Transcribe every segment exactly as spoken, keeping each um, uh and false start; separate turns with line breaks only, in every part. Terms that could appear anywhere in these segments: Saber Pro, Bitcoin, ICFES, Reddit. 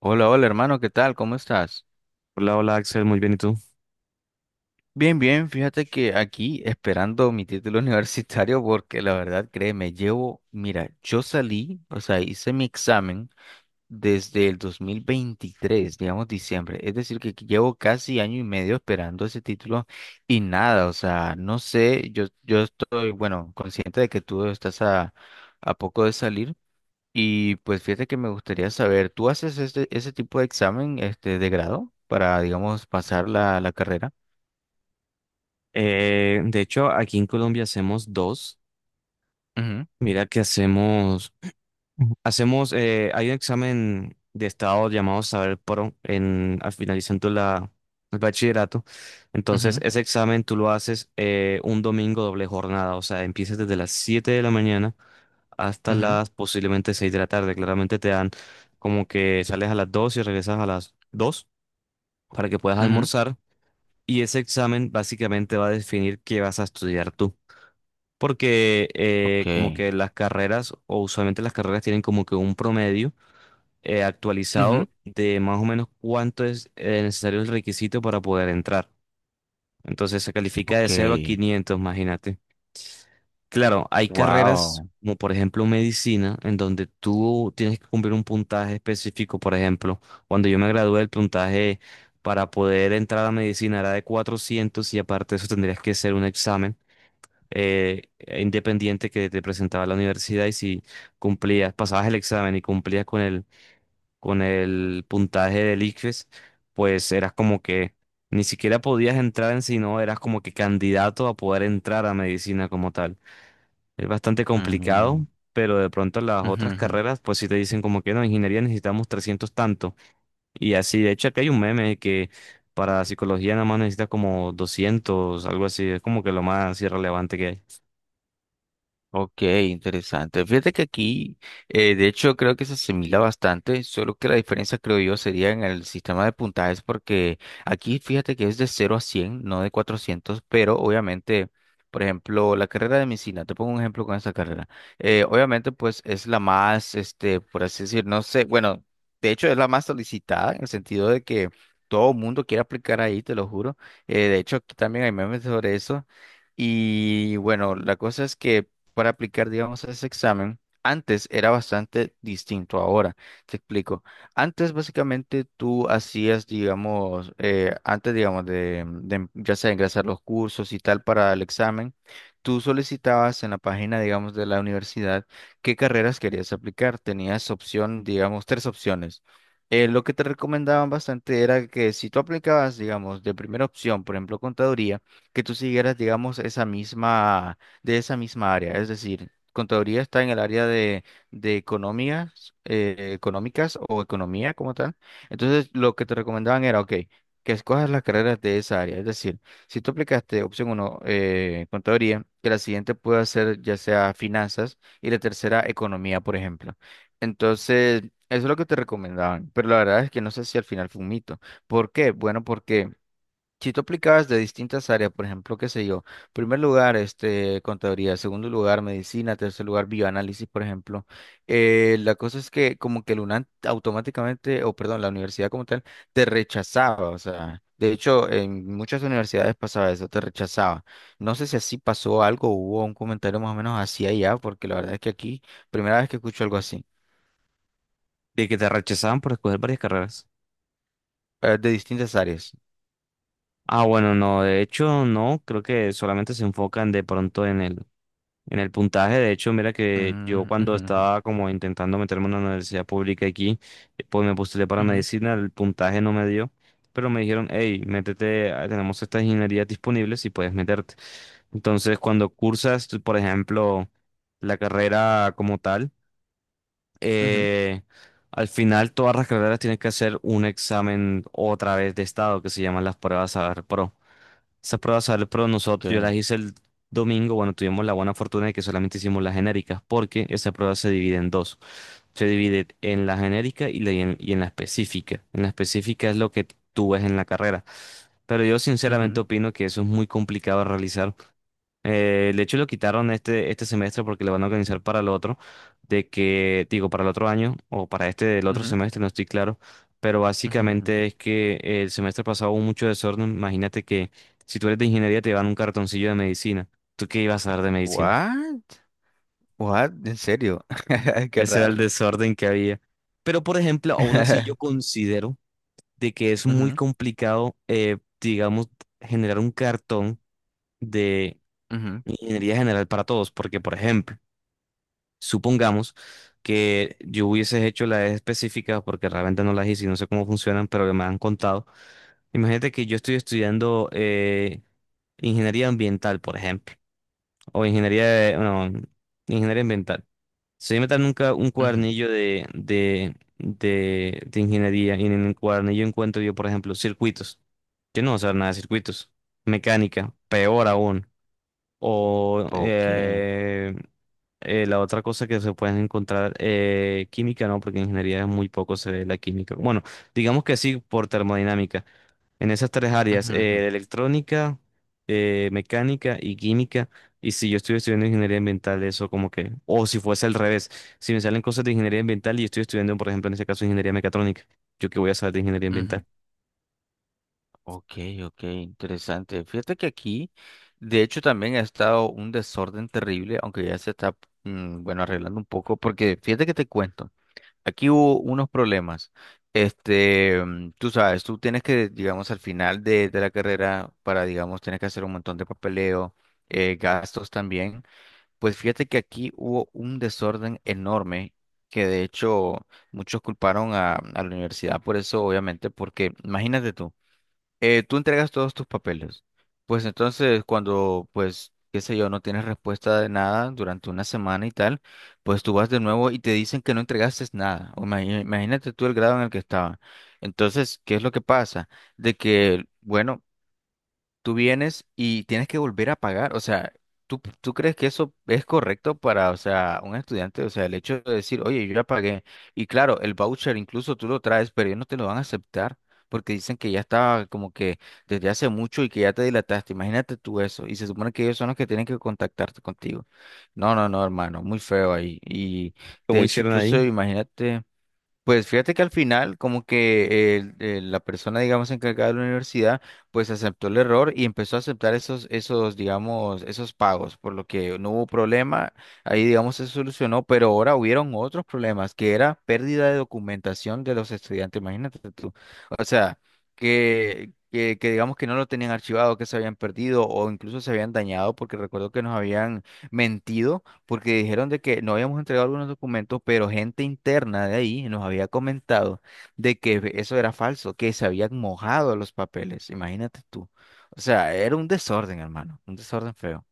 Hola, hola hermano, ¿qué tal? ¿Cómo estás?
Hola, hola Axel, muy bien, ¿y tú?
Bien, bien, fíjate que aquí esperando mi título universitario porque la verdad, créeme, llevo, mira, yo salí, o sea, hice mi examen desde el dos mil veintitrés, digamos diciembre, es decir, que llevo casi año y medio esperando ese título y nada, o sea, no sé, yo, yo estoy, bueno, consciente de que tú estás a, a poco de salir. Y pues fíjate que me gustaría saber, ¿tú haces este, ese tipo de examen este, de grado para, digamos, pasar la, la carrera?
Eh, de hecho, aquí en Colombia hacemos dos.
Ujú,
Mira que hacemos, Ujú. Hacemos, eh, hay un examen de estado llamado Saber Pro en, al finalizando la, el bachillerato. Entonces,
ujú,
ese examen tú lo haces eh, un domingo doble jornada, o sea, empiezas desde las siete de la mañana hasta
ujú,
las posiblemente seis de la tarde. Claramente te dan como que sales a las dos y regresas a las dos para que puedas
ujú.
almorzar. Y ese examen básicamente va a definir qué vas a estudiar tú. Porque eh,
Ok.
como que las carreras, o usualmente las carreras tienen como que un promedio eh,
Ujú,
actualizado de más o menos cuánto es eh, necesario el requisito para poder entrar. Entonces se califica de
ok.
cero a quinientos, imagínate. Claro, hay carreras
Wow.
como por ejemplo medicina, en donde tú tienes que cumplir un puntaje específico. Por ejemplo, cuando yo me gradué, el puntaje para poder entrar a medicina era de cuatrocientos y aparte de eso tendrías que hacer un examen eh, e independiente que te presentaba la universidad y si cumplías, pasabas el examen y cumplías con el, con el puntaje del ICFES, pues eras como que ni siquiera podías entrar en sí, no, eras como que candidato a poder entrar a medicina como tal. Es bastante complicado, pero de pronto las otras carreras, pues si te dicen como que no, en ingeniería necesitamos trescientos tanto. Y así, de hecho, aquí hay un meme que para psicología nada más necesitas como doscientos algo así. Es como que lo más irrelevante que hay.
Ok, interesante. Fíjate que aquí, eh, de hecho, creo que se asimila bastante, solo que la diferencia, creo yo, sería en el sistema de puntajes, porque aquí fíjate que es de cero a cien, no de cuatrocientos, pero obviamente, por ejemplo, la carrera de medicina, te pongo un ejemplo con esa carrera, eh, obviamente, pues es la más, este, por así decir, no sé, bueno, de hecho es la más solicitada en el sentido de que todo el mundo quiere aplicar ahí, te lo juro. Eh, de hecho, aquí también hay memes sobre eso. Y bueno, la cosa es que para aplicar, digamos, ese examen, antes era bastante distinto ahora. Te explico. Antes, básicamente, tú hacías, digamos, eh, antes, digamos, de, de em, ya sea ingresar los cursos y tal para el examen, tú solicitabas en la página, digamos, de la universidad qué carreras querías aplicar. Tenías opción, digamos, tres opciones. Eh, lo que te recomendaban bastante era que si tú aplicabas, digamos, de primera opción, por ejemplo, contaduría, que tú siguieras, digamos, esa misma de esa misma área. Es decir, contaduría está en el área de, de economías, eh, económicas o economía como tal. Entonces, lo que te recomendaban era, ok, que escojas las carreras de esa área. Es decir, si tú aplicaste opción uno, contaduría, que la siguiente pueda ser ya sea finanzas y la tercera economía, por ejemplo. Entonces, eso es lo que te recomendaban, pero la verdad es que no sé si al final fue un mito. ¿Por qué? Bueno, porque si tú aplicabas de distintas áreas, por ejemplo, qué sé yo, primer lugar, este, contaduría, segundo lugar, medicina, tercer lugar, bioanálisis, por ejemplo, eh, la cosa es que como que el UNAM automáticamente, o perdón, la universidad como tal, te rechazaba, o sea, de hecho, en muchas universidades pasaba eso, te rechazaba. No sé si así pasó algo, hubo un comentario más o menos así allá, porque la verdad es que aquí, primera vez que escucho algo así,
De que te rechazaban por escoger varias carreras.
eh, de distintas áreas.
Ah, bueno, no, de hecho, no, creo que solamente se enfocan de pronto en el En el puntaje. De hecho, mira que yo
Mm,
cuando
ujú,
estaba como intentando meterme en una universidad pública aquí, eh, pues me postulé para
ujú,
medicina, el puntaje no me dio, pero me dijeron, hey, métete, ah, tenemos estas ingenierías disponibles y puedes meterte. Entonces, cuando cursas, tú, por ejemplo, la carrera como tal,
ujú, ujú,
eh, al final todas las carreras tienen que hacer un examen otra vez de estado que se llaman las pruebas Saber Pro. Esas pruebas salen, pero
ok,
nosotros, yo las hice el domingo, bueno, tuvimos la buena fortuna de que solamente hicimos las genéricas, porque esa prueba se divide en dos. Se divide en la genérica y, la- y en, y en la específica. En la específica es lo que tú ves en la carrera. Pero yo sinceramente
ujú,
opino que eso es muy complicado de realizar. Eh, de hecho, lo quitaron este, este semestre porque lo van a organizar para el otro, de que, digo, para el otro año o para este del otro
ujú,
semestre, no estoy claro, pero
ujú, ujú.
básicamente es que el semestre pasado hubo mucho desorden. Imagínate que si tú eres de ingeniería te dan un cartoncillo de medicina. ¿Tú qué ibas a dar de medicina?
What? What? ¿En serio? Qué
Ese era
raro.
el desorden que había. Pero, por ejemplo, aún así yo considero de que es muy
Ujú,
complicado, eh, digamos, generar un cartón de
ujú,
ingeniería general para todos, porque, por ejemplo, supongamos que yo hubieses hecho las específicas porque realmente no las hice y no sé cómo funcionan, pero me han contado. Imagínate que yo estoy estudiando eh, ingeniería ambiental, por ejemplo, o ingeniería de, no, ingeniería ambiental. Si yo me dan nunca un
ujú.
cuadernillo de, de, de, de ingeniería y en el cuadernillo encuentro yo, por ejemplo, circuitos. Yo no voy a saber nada de circuitos. Mecánica, peor aún. O
Ok. Ujú,
eh, eh, la otra cosa que se pueden encontrar, eh, química, ¿no? Porque en ingeniería es muy poco se ve la química. Bueno, digamos que sí por termodinámica. En esas tres áreas,
ujú,
eh, electrónica, eh, mecánica y química. Y si yo estoy estudiando ingeniería ambiental, eso como que, o si fuese al revés, si me salen cosas de ingeniería ambiental y estoy estudiando, por ejemplo, en ese caso, ingeniería mecatrónica, ¿yo qué voy a saber de ingeniería ambiental?
ujú. Ok, ok, interesante. Fíjate que aquí, de hecho, también ha estado un desorden terrible, aunque ya se está, mm, bueno, arreglando un poco, porque fíjate que te cuento, aquí hubo unos problemas. Este, mm, tú sabes, tú tienes que, digamos, al final de, de la carrera, para, digamos, tienes que hacer un montón de papeleo, eh, gastos también. Pues fíjate que aquí hubo un desorden enorme que de hecho muchos culparon a, a la universidad por eso, obviamente, porque imagínate tú, eh, tú entregas todos tus papeles, pues entonces cuando, pues, qué sé yo, no tienes respuesta de nada durante una semana y tal, pues tú vas de nuevo y te dicen que no entregaste nada. O imagi- Imagínate tú el grado en el que estaba. Entonces, ¿qué es lo que pasa? De que, bueno, tú vienes y tienes que volver a pagar. O sea, ¿tú, tú crees que eso es correcto para, o sea, un estudiante? O sea, el hecho de decir, oye, yo ya pagué. Y claro, el voucher incluso tú lo traes, pero ellos no te lo van a aceptar porque dicen que ya estaba como que desde hace mucho y que ya te dilataste. Imagínate tú eso. Y se supone que ellos son los que tienen que contactarte contigo. No, no, no, hermano, muy feo ahí. Y de
¿Cómo
hecho,
hicieron
incluso
ahí?
imagínate. Pues fíjate que al final, como que el- el- la persona, digamos, encargada de la universidad, pues aceptó el error y empezó a aceptar esos, esos, digamos, esos pagos, por lo que no hubo problema, ahí, digamos, se solucionó, pero ahora hubieron otros problemas, que era pérdida de documentación de los estudiantes, imagínate tú. O sea, que, que, que digamos que no lo tenían archivado, que se habían perdido o incluso se habían dañado, porque recuerdo que nos habían mentido porque dijeron de que no habíamos entregado algunos documentos, pero gente interna de ahí nos había comentado de que eso era falso, que se habían mojado los papeles, imagínate tú. O sea, era un desorden, hermano, un desorden feo.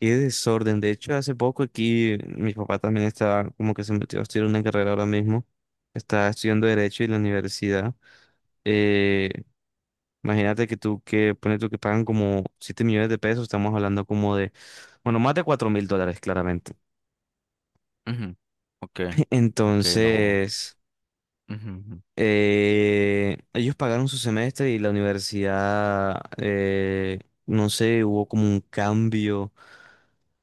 Qué desorden. De hecho, hace poco aquí mi papá también está como que se metió a estudiar una carrera ahora mismo. Está estudiando Derecho en la universidad. Eh, imagínate que tú que pones tú que pagan como siete millones de pesos, estamos hablando como de, bueno, más de cuatro mil dólares, claramente.
Ujú, ok, ok, no.
Entonces,
Ujú, ujú,
eh, ellos pagaron su semestre y la universidad, eh, no sé, hubo como un cambio.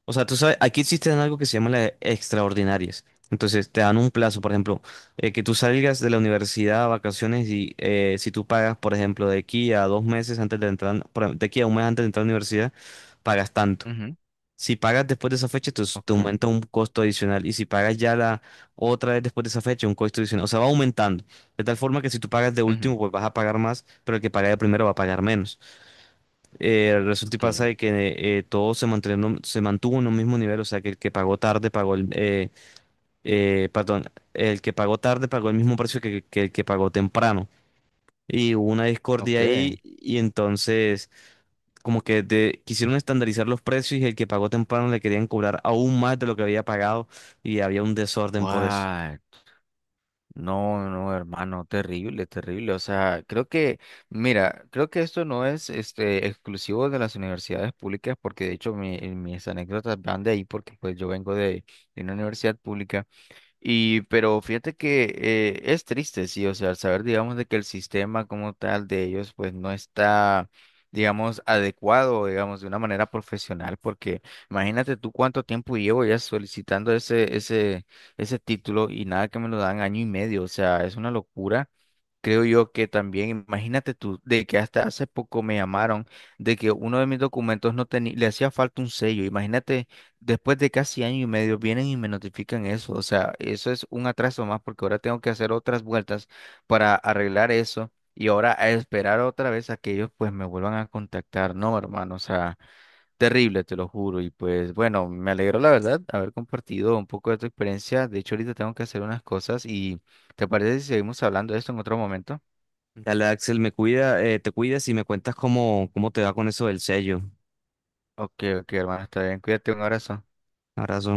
O sea, tú sabes, aquí existen algo que se llama las extraordinarias. Entonces, te dan un plazo, por ejemplo, eh, que tú salgas de la universidad a vacaciones y eh, si tú pagas, por ejemplo, de aquí a dos meses antes de entrar, por- de aquí a un mes antes de entrar a la universidad, pagas tanto.
ujú,
Si pagas después de esa fecha, te, te
ok,
aumenta un costo adicional. Y si pagas ya la otra vez después de esa fecha, un costo adicional. O sea, va aumentando. De tal forma que si tú pagas de último,
ujú,
pues vas a pagar más, pero el que paga de primero va a pagar menos. Eh, resulta y
ok,
pasa de que eh, todo se mantuvieron- se mantuvo en un mismo nivel, o sea que el que pagó tarde pagó el, eh, eh, perdón, el que pagó tarde pagó el mismo precio que, que el que pagó temprano. Y hubo una discordia
ok.
ahí y entonces como que de- quisieron estandarizar los precios y el que pagó temprano le querían cobrar aún más de lo que había pagado y había un desorden por eso.
Guay. No, no, hermano, terrible, terrible. O sea, creo que, mira, creo que esto no es este exclusivo de las universidades públicas, porque de hecho mi- mis anécdotas van de ahí, porque pues yo vengo de, de una universidad pública. Y, pero fíjate que eh, es triste, sí, o sea, al saber, digamos, de que el sistema como tal de ellos, pues no está, digamos, adecuado, digamos, de una manera profesional, porque imagínate tú cuánto tiempo llevo ya solicitando ese, ese, ese título y nada que me lo dan año y medio, o sea, es una locura. Creo yo que también, imagínate tú, de que hasta hace poco me llamaron de que uno de mis documentos no tenía, le hacía falta un sello. Imagínate, después de casi año y medio vienen y me notifican eso. O sea, eso es un atraso más porque ahora tengo que hacer otras vueltas para arreglar eso y ahora a esperar otra vez a que ellos pues me vuelvan a contactar. No, hermano, o sea, terrible, te lo juro. Y pues bueno, me alegro la verdad haber compartido un poco de tu experiencia. De hecho, ahorita tengo que hacer unas cosas y ¿te parece si seguimos hablando de esto en otro momento?
Dale, Axel, me cuida, eh, te cuidas y me cuentas cómo, cómo te va con eso del sello.
Ok, ok, hermano, está bien. Cuídate, un abrazo.
Abrazo.